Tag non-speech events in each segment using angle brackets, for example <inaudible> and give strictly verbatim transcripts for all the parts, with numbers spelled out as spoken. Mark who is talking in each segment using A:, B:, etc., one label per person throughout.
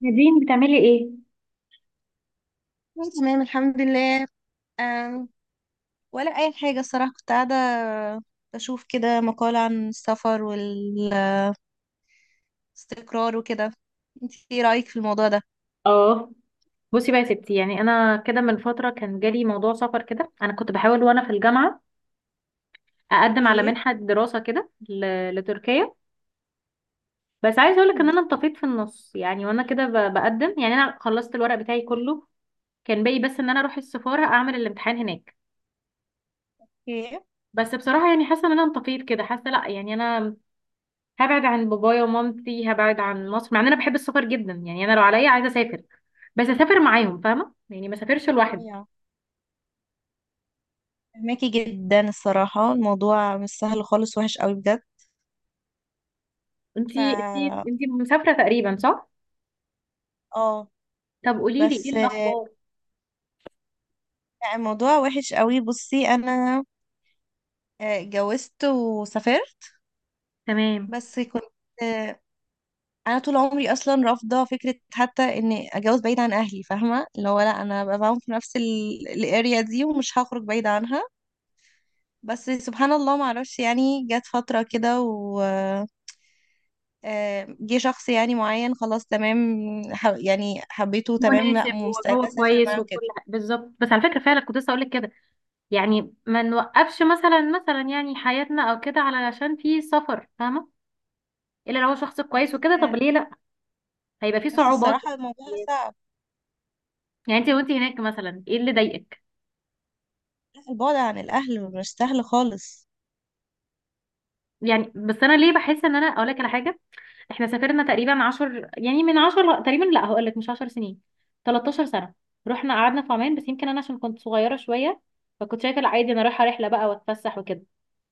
A: نادين، بتعملي ايه؟
B: أنا تمام الحمد لله. أم، ولا أي حاجة الصراحة، كنت قاعدة بشوف كده مقال عن السفر والاستقرار وكده. انت ايه رأيك في الموضوع ده؟
A: اه. بصي بقى يا ستي، يعني انا كده من فتره كان جالي موضوع سفر كده، انا كنت بحاول وانا في الجامعه اقدم على
B: ايه؟
A: منحه دراسه كده ل- لتركيا. بس عايزه اقولك ان
B: مم.
A: انا انطفيت في النص، يعني وانا كده ب- بقدم. يعني انا خلصت الورق بتاعي كله، كان باقي بس ان انا اروح السفاره اعمل الامتحان هناك.
B: ايه.
A: بس بصراحه يعني حاسه ان انا انطفيت كده، حاسه لا يعني انا هبعد عن بابايا ومامتي، هبعد عن مصر، مع ان انا بحب السفر جدا. يعني انا لو عليا عايزه اسافر، بس اسافر معاهم فاهمه؟ يعني ما اسافرش لوحدي.
B: ايوه، فهماكي جدا الصراحة. الموضوع مش سهل خالص، وحش قوي بجد.
A: انتي انتي
B: ف
A: انتي مسافرة تقريبا، صح؟
B: اه
A: طب قولي لي ايه
B: بس آه،
A: الأخبار؟
B: لا، الموضوع وحش قوي. بصي أنا آه، اتجوزت وسافرت.
A: تمام.
B: بس كنت انا طول عمري اصلا رافضه فكره حتى ان اتجوز بعيد عن اهلي، فاهمه؟ اللي هو لا، انا ببقى معاهم في نفس الاريا دي ومش هخرج بعيد عنها. بس سبحان الله، ما اعرفش يعني، جت فتره كده و آه، جه شخص يعني معين، خلاص تمام، ح- يعني حبيته تمام، لا
A: مناسب.
B: مستعده
A: وهو
B: اسافر
A: كويس
B: معاه
A: وكل
B: كده.
A: حاجة بالظبط، بس على فكرة فعلا كنت لسه هقولك كده. يعني ما نوقفش مثلا مثلا يعني حياتنا او كده علشان في سفر، فاهمة؟ الا لو هو شخص
B: بس
A: كويس وكده، طب ليه لا؟ هيبقى في
B: بس
A: صعوبات.
B: الصراحه الموضوع صعب.
A: يعني انتي وانتي هناك مثلا ايه اللي ضايقك؟
B: البعد عن الاهل مش سهل خالص.
A: يعني بس انا ليه بحس ان انا اقولك على حاجة. احنا سافرنا تقريبا عشر، يعني من عشر ل- تقريبا، لا هقول لك مش عشر سنين، تلتاشر سنة. رحنا قعدنا في عمان، بس يمكن انا عشان كنت صغيرة شوية، فكنت شايفة لا عادي انا رايحة رحلة بقى واتفسح وكده.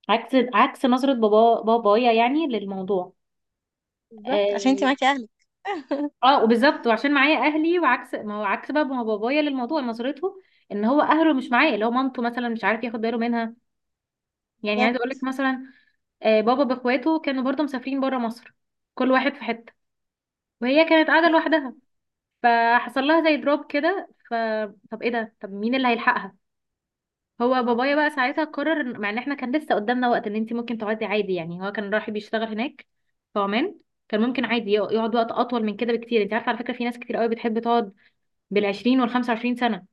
A: عكس عكس نظرة بابا بابايا يعني للموضوع.
B: بالظبط، عشان انت
A: اه.
B: معاكي اهلك. <laughs>
A: آه، وبالظبط وعشان معايا اهلي، وعكس ما هو عكس بقى ما بابايا للموضوع نظرته، ان هو اهله مش معاه، اللي هو مامته مثلا مش عارف ياخد باله منها. يعني عايزه اقول
B: بالظبط.
A: لك مثلا، آه، بابا باخواته كانوا برضه مسافرين بره مصر، كل واحد في حته، وهي كانت قاعده لوحدها، فحصل لها زي دروب كده. ف طب ايه ده، طب مين اللي هيلحقها؟ هو بابايا بقى
B: بالظبط.
A: ساعتها قرر إن- مع ان احنا كان لسه قدامنا وقت ان انت ممكن تقعدي عادي. يعني هو كان رايح بيشتغل هناك في عمان، كان ممكن عادي يق- يقعد وقت اطول من كده بكتير. انت عارفه على فكره في ناس كتير قوي بتحب تقعد بال20 وال25 سنه.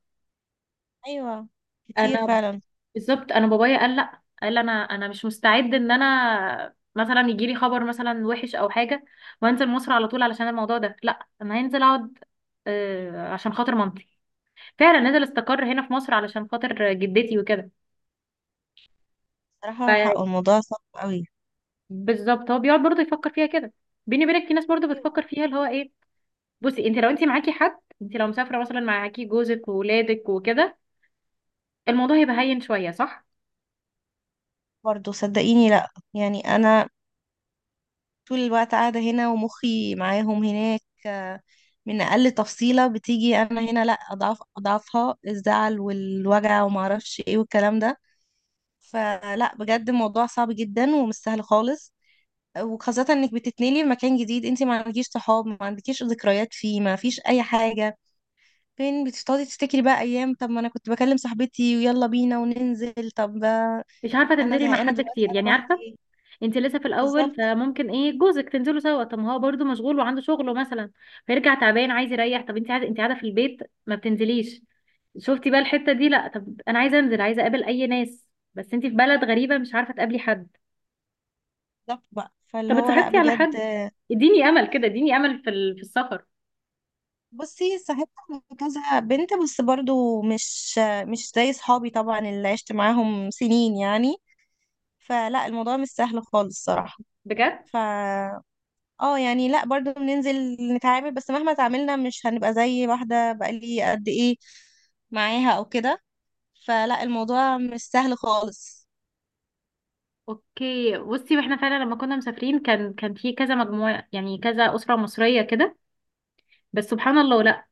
B: ايوه، كتير
A: انا
B: فعلا.
A: بالظبط، انا بابايا قال لا، قال انا انا مش مستعد ان انا مثلا يجي لي خبر مثلا وحش او حاجه وانزل مصر على طول. علشان الموضوع ده، لا انا هنزل اقعد آه، عشان خاطر مامتي. فعلا نزل استقر هنا في مصر علشان خاطر جدتي وكده.
B: صراحة حق، الموضوع صعب قوي.
A: فبالظبط هو بيقعد برضه يفكر فيها كده. بيني وبينك في ناس برضه
B: ايوه،
A: بتفكر فيها اللي هو ايه. بصي انت لو انت معاكي حد، انت لو مسافره مثلا معاكي جوزك وولادك وكده الموضوع هيبقى هين شويه، صح؟
B: برضه صدقيني، لا يعني انا طول الوقت قاعدة هنا ومخي معاهم هناك. آه، من اقل تفصيلة بتيجي انا هنا، لا اضعف اضعفها، الزعل والوجع وما اعرفش ايه والكلام ده. فلا بجد الموضوع صعب جدا ومش سهل خالص. وخاصة انك بتتنقلي لمكان جديد، انت ما عندكيش صحاب، ما عندكيش ذكريات فيه، ما فيش اي حاجة. فين بتقعدي تفتكري بقى ايام؟ طب ما انا كنت بكلم صاحبتي ويلا بينا وننزل. طب
A: مش عارفه
B: انا
A: تنزلي مع
B: زهقانه
A: حد
B: دلوقتي،
A: كتير،
B: انا
A: يعني عارفه.
B: لوحدي.
A: انت لسه في الاول
B: بالظبط.
A: فممكن ايه جوزك تنزلوا سوا، طب ما هو برضه مشغول وعنده شغله مثلا، فيرجع تعبان عايز يريح. طب انت عايزه، انت قاعده في البيت، ما بتنزليش. شفتي بقى الحته دي؟ لا طب انا عايزه انزل، عايزه اقابل اي ناس، بس انت في بلد غريبه مش عارفه تقابلي حد.
B: بالظبط بقى، فاللي
A: طب
B: هو لا
A: اتصاحبتي على
B: بجد.
A: حد؟ اديني امل كده، اديني امل في ال- في السفر.
B: بصي، صاحبت على كذا بنت، بس برضو مش مش زي صحابي طبعا اللي عشت معاهم سنين يعني. فلا الموضوع مش سهل خالص صراحه.
A: بجد.
B: ف اه يعني لا، برضو بننزل نتعامل، بس مهما تعاملنا مش هنبقى زي واحده بقالي قد ايه معاها او كده. فلا الموضوع مش سهل خالص.
A: اوكي بصي، واحنا فعلا لما كنا مسافرين كان كان في كذا مجموعه، يعني كذا اسره مصريه كده، بس سبحان الله لا،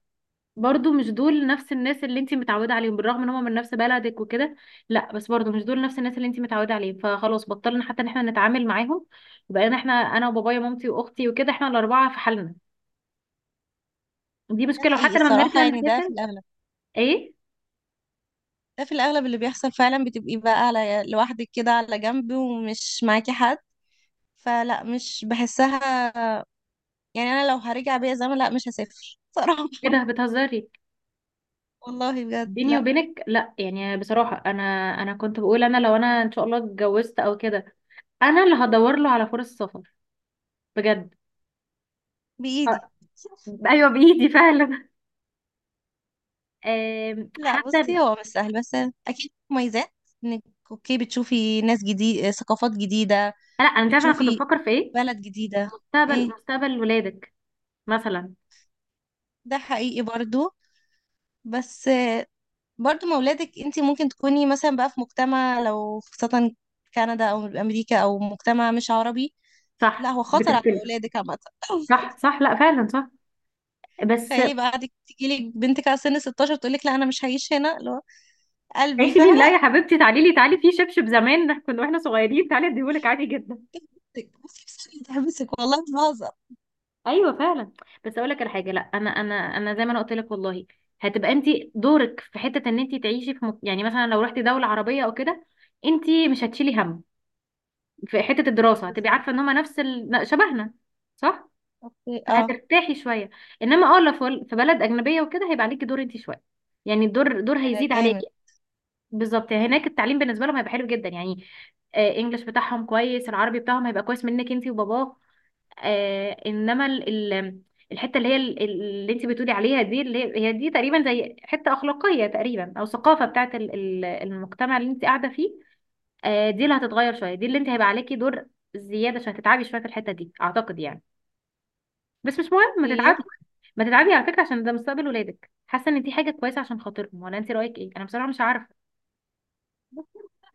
A: برضو مش دول نفس الناس اللي انت متعوده عليهم بالرغم ان هم من نفس بلدك وكده. لا بس برضو مش دول نفس الناس اللي انت متعوده عليهم، فخلاص بطلنا حتى ان احنا نتعامل معاهم. بقينا احنا، انا وبابايا ومامتي واختي وكده، احنا الاربعه في حالنا. دي
B: ده
A: مشكله،
B: حقيقي
A: وحتى لما
B: الصراحه،
A: بنرجع
B: يعني ده في
A: نسافر.
B: الاغلب.
A: ايه؟
B: ده في الأغلب اللي بيحصل فعلا، بتبقي بقى على لوحدك كده على جنب ومش معاكي حد. فلا مش بحسها. يعني أنا لو هرجع بيا زمن، لا مش هسافر صراحة.
A: ايه
B: <laughs>
A: ده، بتهزري؟
B: والله بجد
A: بيني
B: لا.
A: وبينك لا، يعني بصراحة انا، انا كنت بقول انا لو انا ان شاء الله اتجوزت او كده، انا اللي هدور له على فرص سفر بجد. آه.
B: بإيدي.
A: ايوه بايدي فعلا. <laughs> آم،
B: لا
A: حتى
B: بصي،
A: إن-
B: هو مش سهل، بس أكيد مميزات إنك أوكي بتشوفي ناس جديد، ثقافات جديدة،
A: لا انا تعرف انا كنت
B: بتشوفي
A: بفكر في ايه؟
B: بلد جديدة.
A: مستقبل
B: إيه،
A: مستقبل ولادك مثلا.
B: ده حقيقي برضو. بس برضو ما ولادك، انت ممكن تكوني مثلا بقى في مجتمع، لو خاصة كندا او امريكا او مجتمع مش عربي. لا،
A: صح
B: هو خطر على
A: بتختلف.
B: اولادك عامة.
A: صح،
B: <laughs>
A: صح، لا فعلا، صح. بس
B: تخيلي بقى قعدت تجيلك بنتك على سن ستاشر تقولك لا انا مش هعيش هنا، اللي هو قلبي،
A: عيشي مين
B: فاهمة؟
A: لا يا حبيبتي، تعالي لي، تعالي في شبشب زمان كنا واحنا صغيرين تعالي اديهولك عادي جدا.
B: <laughs> بصي بس تحبسك، والله مش بهزر.
A: ايوه فعلا. بس اقول لك على حاجه، لا انا انا انا زي ما انا قلت لك والله، هتبقى انت دورك في حته ان انت تعيشي في مك... يعني مثلا لو رحتي دوله عربيه او كده، انت مش هتشيلي هم. في حته الدراسه هتبقي
B: بالظبط.
A: عارفه ان هما نفس ال... شبهنا، صح؟
B: اوكي، اه.
A: فهترتاحي شويه. انما اه لو في في بلد اجنبيه وكده هيبقى عليكي دور انت شويه. يعني الدور دور
B: ده
A: هيزيد عليكي.
B: جامد.
A: بالظبط، هناك التعليم بالنسبه لهم هيبقى حلو جدا يعني. آه، انجلش بتاعهم كويس، العربي بتاعهم هيبقى كويس منك انت وباباك. آه انما ال ال- الحته اللي هي ال- اللي انت بتقولي عليها دي، اللي هي هي دي تقريبا زي حته اخلاقيه تقريبا او ثقافه بتاعت ال- ال- المجتمع اللي انت قاعده فيه. آه دي اللي هتتغير شويه، دي اللي انت هيبقى عليكي دور زياده، عشان هتتعبي شويه في الحته دي اعتقد يعني. بس مش مهم ما
B: اوكي.
A: تتعبي، ما تتعبي على فكره، عشان ده مستقبل ولادك. حاسه ان دي حاجه كويسه عشان خاطرهم، ولا انت رايك ايه؟ انا بصراحه مش عارفه.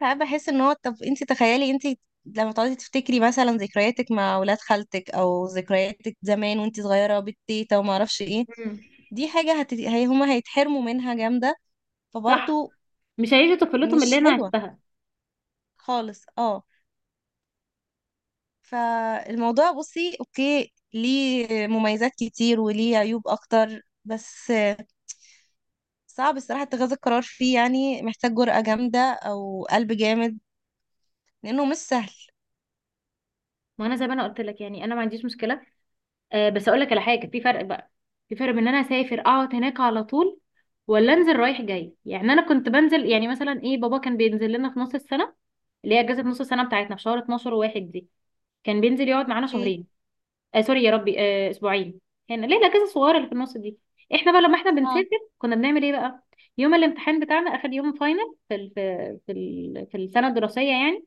B: ساعات بحس ان هو طب انت تخيلي انت لما تقعدي تفتكري مثلا ذكرياتك مع ولاد خالتك، او ذكرياتك زمان وانت صغيره بالتيتا وما اعرفش ايه.
A: مم.
B: دي حاجه هت... هي هما هيتحرموا منها جامده.
A: صح.
B: فبرضه
A: مش هيعيشوا طفولتهم
B: مش
A: اللي انا
B: حلوه
A: عشتها.
B: خالص، اه. فالموضوع بصي اوكي، ليه مميزات كتير وليه عيوب اكتر، بس صعب الصراحه اتخاذ القرار فيه. يعني محتاج جرأة جامده او قلب جامد لانه مش سهل.
A: ما انا زي ما انا قلت لك، يعني انا ما عنديش مشكله. آه بس اقول لك على حاجه، في فرق بقى، في فرق بين ان انا اسافر اقعد هناك على طول، ولا انزل رايح جاي. يعني انا كنت بنزل، يعني مثلا ايه، بابا كان بينزل لنا في نص السنه، اللي هي اجازه نص السنه بتاعتنا في شهر اتناشر وواحد دي. كان بينزل يقعد معانا
B: اوكي،
A: شهرين. آه سوري يا ربي، آه اسبوعين. هنا ليه الاجازه الصغيره اللي في النص دي. احنا بقى لما احنا
B: اه.
A: بنسافر كنا بنعمل ايه بقى، يوم الامتحان بتاعنا اخر يوم فاينل في ال في في, ال في السنه الدراسيه، يعني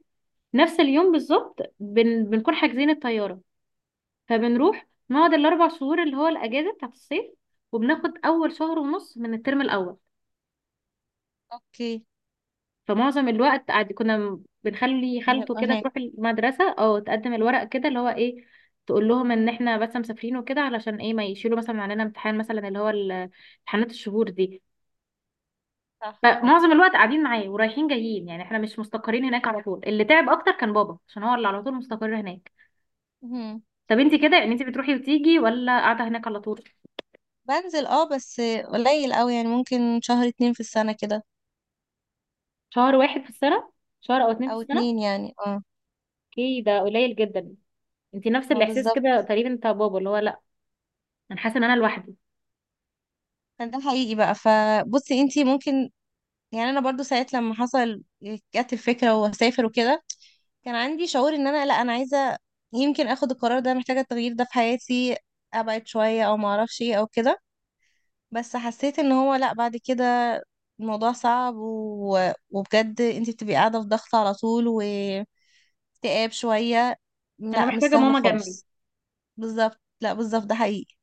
A: نفس اليوم بالظبط بن بنكون حاجزين الطياره، فبنروح نقعد الاربع شهور اللي هو الاجازه بتاعت الصيف، وبناخد اول شهر ونص من الترم الاول.
B: اوكي.
A: فمعظم الوقت عادي كنا م- بنخلي خالته
B: نبقى
A: كده
B: هناك.
A: تروح المدرسه او تقدم الورق كده اللي هو ايه، تقول لهم ان احنا بس مسافرين وكده، علشان ايه ما يشيلوا مثلا علينا امتحان مثلا اللي هو ال- امتحانات الشهور دي.
B: صح صح.
A: فمعظم الوقت قاعدين معاه ورايحين جايين، يعني احنا مش مستقرين هناك على طول. اللي تعب اكتر كان بابا عشان هو اللي على طول مستقر هناك.
B: مهم.
A: طب انت كده، يعني انت بتروحي وتيجي ولا قاعده هناك على طول؟
B: بنزل اه، بس قليل قوي يعني، ممكن شهر اتنين في السنة كده.
A: شهر واحد في السنه؟ شهر او اتنين في
B: او
A: السنه.
B: اتنين يعني، اه.
A: اوكي ده قليل جدا. انت نفس
B: ما
A: الاحساس
B: بالظبط.
A: كده تقريبا بتاع بابا اللي هو لا، انا حاسه ان انا لوحدي.
B: ده حقيقي بقى. فبصي انتي ممكن، يعني انا برضو ساعات لما حصل جت الفكرة واسافر وكده، كان عندي شعور ان انا لا، انا عايزة يمكن اخد القرار ده، محتاجة التغيير ده في حياتي، ابعد شوية او ما اعرفش ايه او كده. بس حسيت ان هو لا، بعد كده الموضوع صعب و... وبجد انتي بتبقي قاعدة في ضغط على طول و اكتئاب شوية.
A: انا
B: لا مش
A: محتاجه
B: سهل
A: ماما جنبي.
B: خالص. بالظبط، لا بالظبط، ده حقيقي.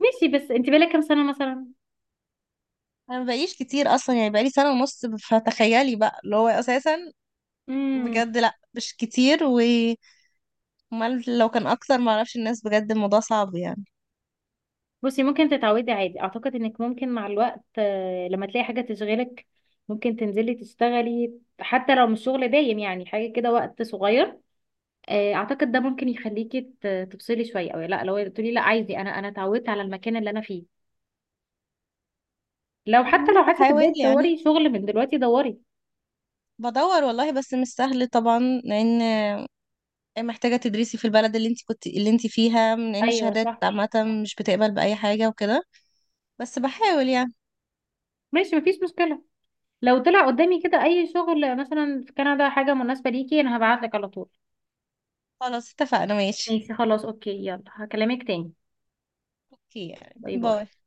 A: ماشي، بس انت بقالك كام سنه مثلا؟
B: انا مبقيش كتير اصلا، يعني بقالي سنة ونص، فتخيلي بقى اللي هو اساسا.
A: امم.
B: بجد لا، مش كتير. و أمال لو كان اكتر، معرفش. الناس بجد الموضوع صعب يعني.
A: بصي ممكن تتعودي عادي، اعتقد انك ممكن مع الوقت آه، لما تلاقي حاجه تشغلك. ممكن تنزلي تشتغلي حتى لو مش شغل دايم، يعني حاجه كده وقت صغير. آه، اعتقد ده ممكن يخليكي ت- تفصلي شويه، او لا لو تقولي لا عايزه، انا انا اتعودت على المكان اللي انا فيه. لو حتى لو
B: والله
A: عايزه
B: بحاول
A: تبداي
B: يعني،
A: تدوري شغل من دلوقتي دوري.
B: بدور والله، بس مش سهل طبعا. لان محتاجة تدرسي في البلد اللي انت كنت اللي انت فيها، من ان
A: ايوه
B: الشهادات
A: صح.
B: عامة مش بتقبل بأي حاجة وكده. بس بحاول يعني.
A: ماشي، مفيش مشكله، لو طلع قدامي كده اي شغل مثلا في كندا حاجة مناسبة ليكي انا هبعتلك على طول.
B: خلاص اتفقنا، ماشي.
A: ماشي خلاص، اوكي، يلا هكلمك تاني.
B: اوكي، يعني
A: باي باي.
B: باي.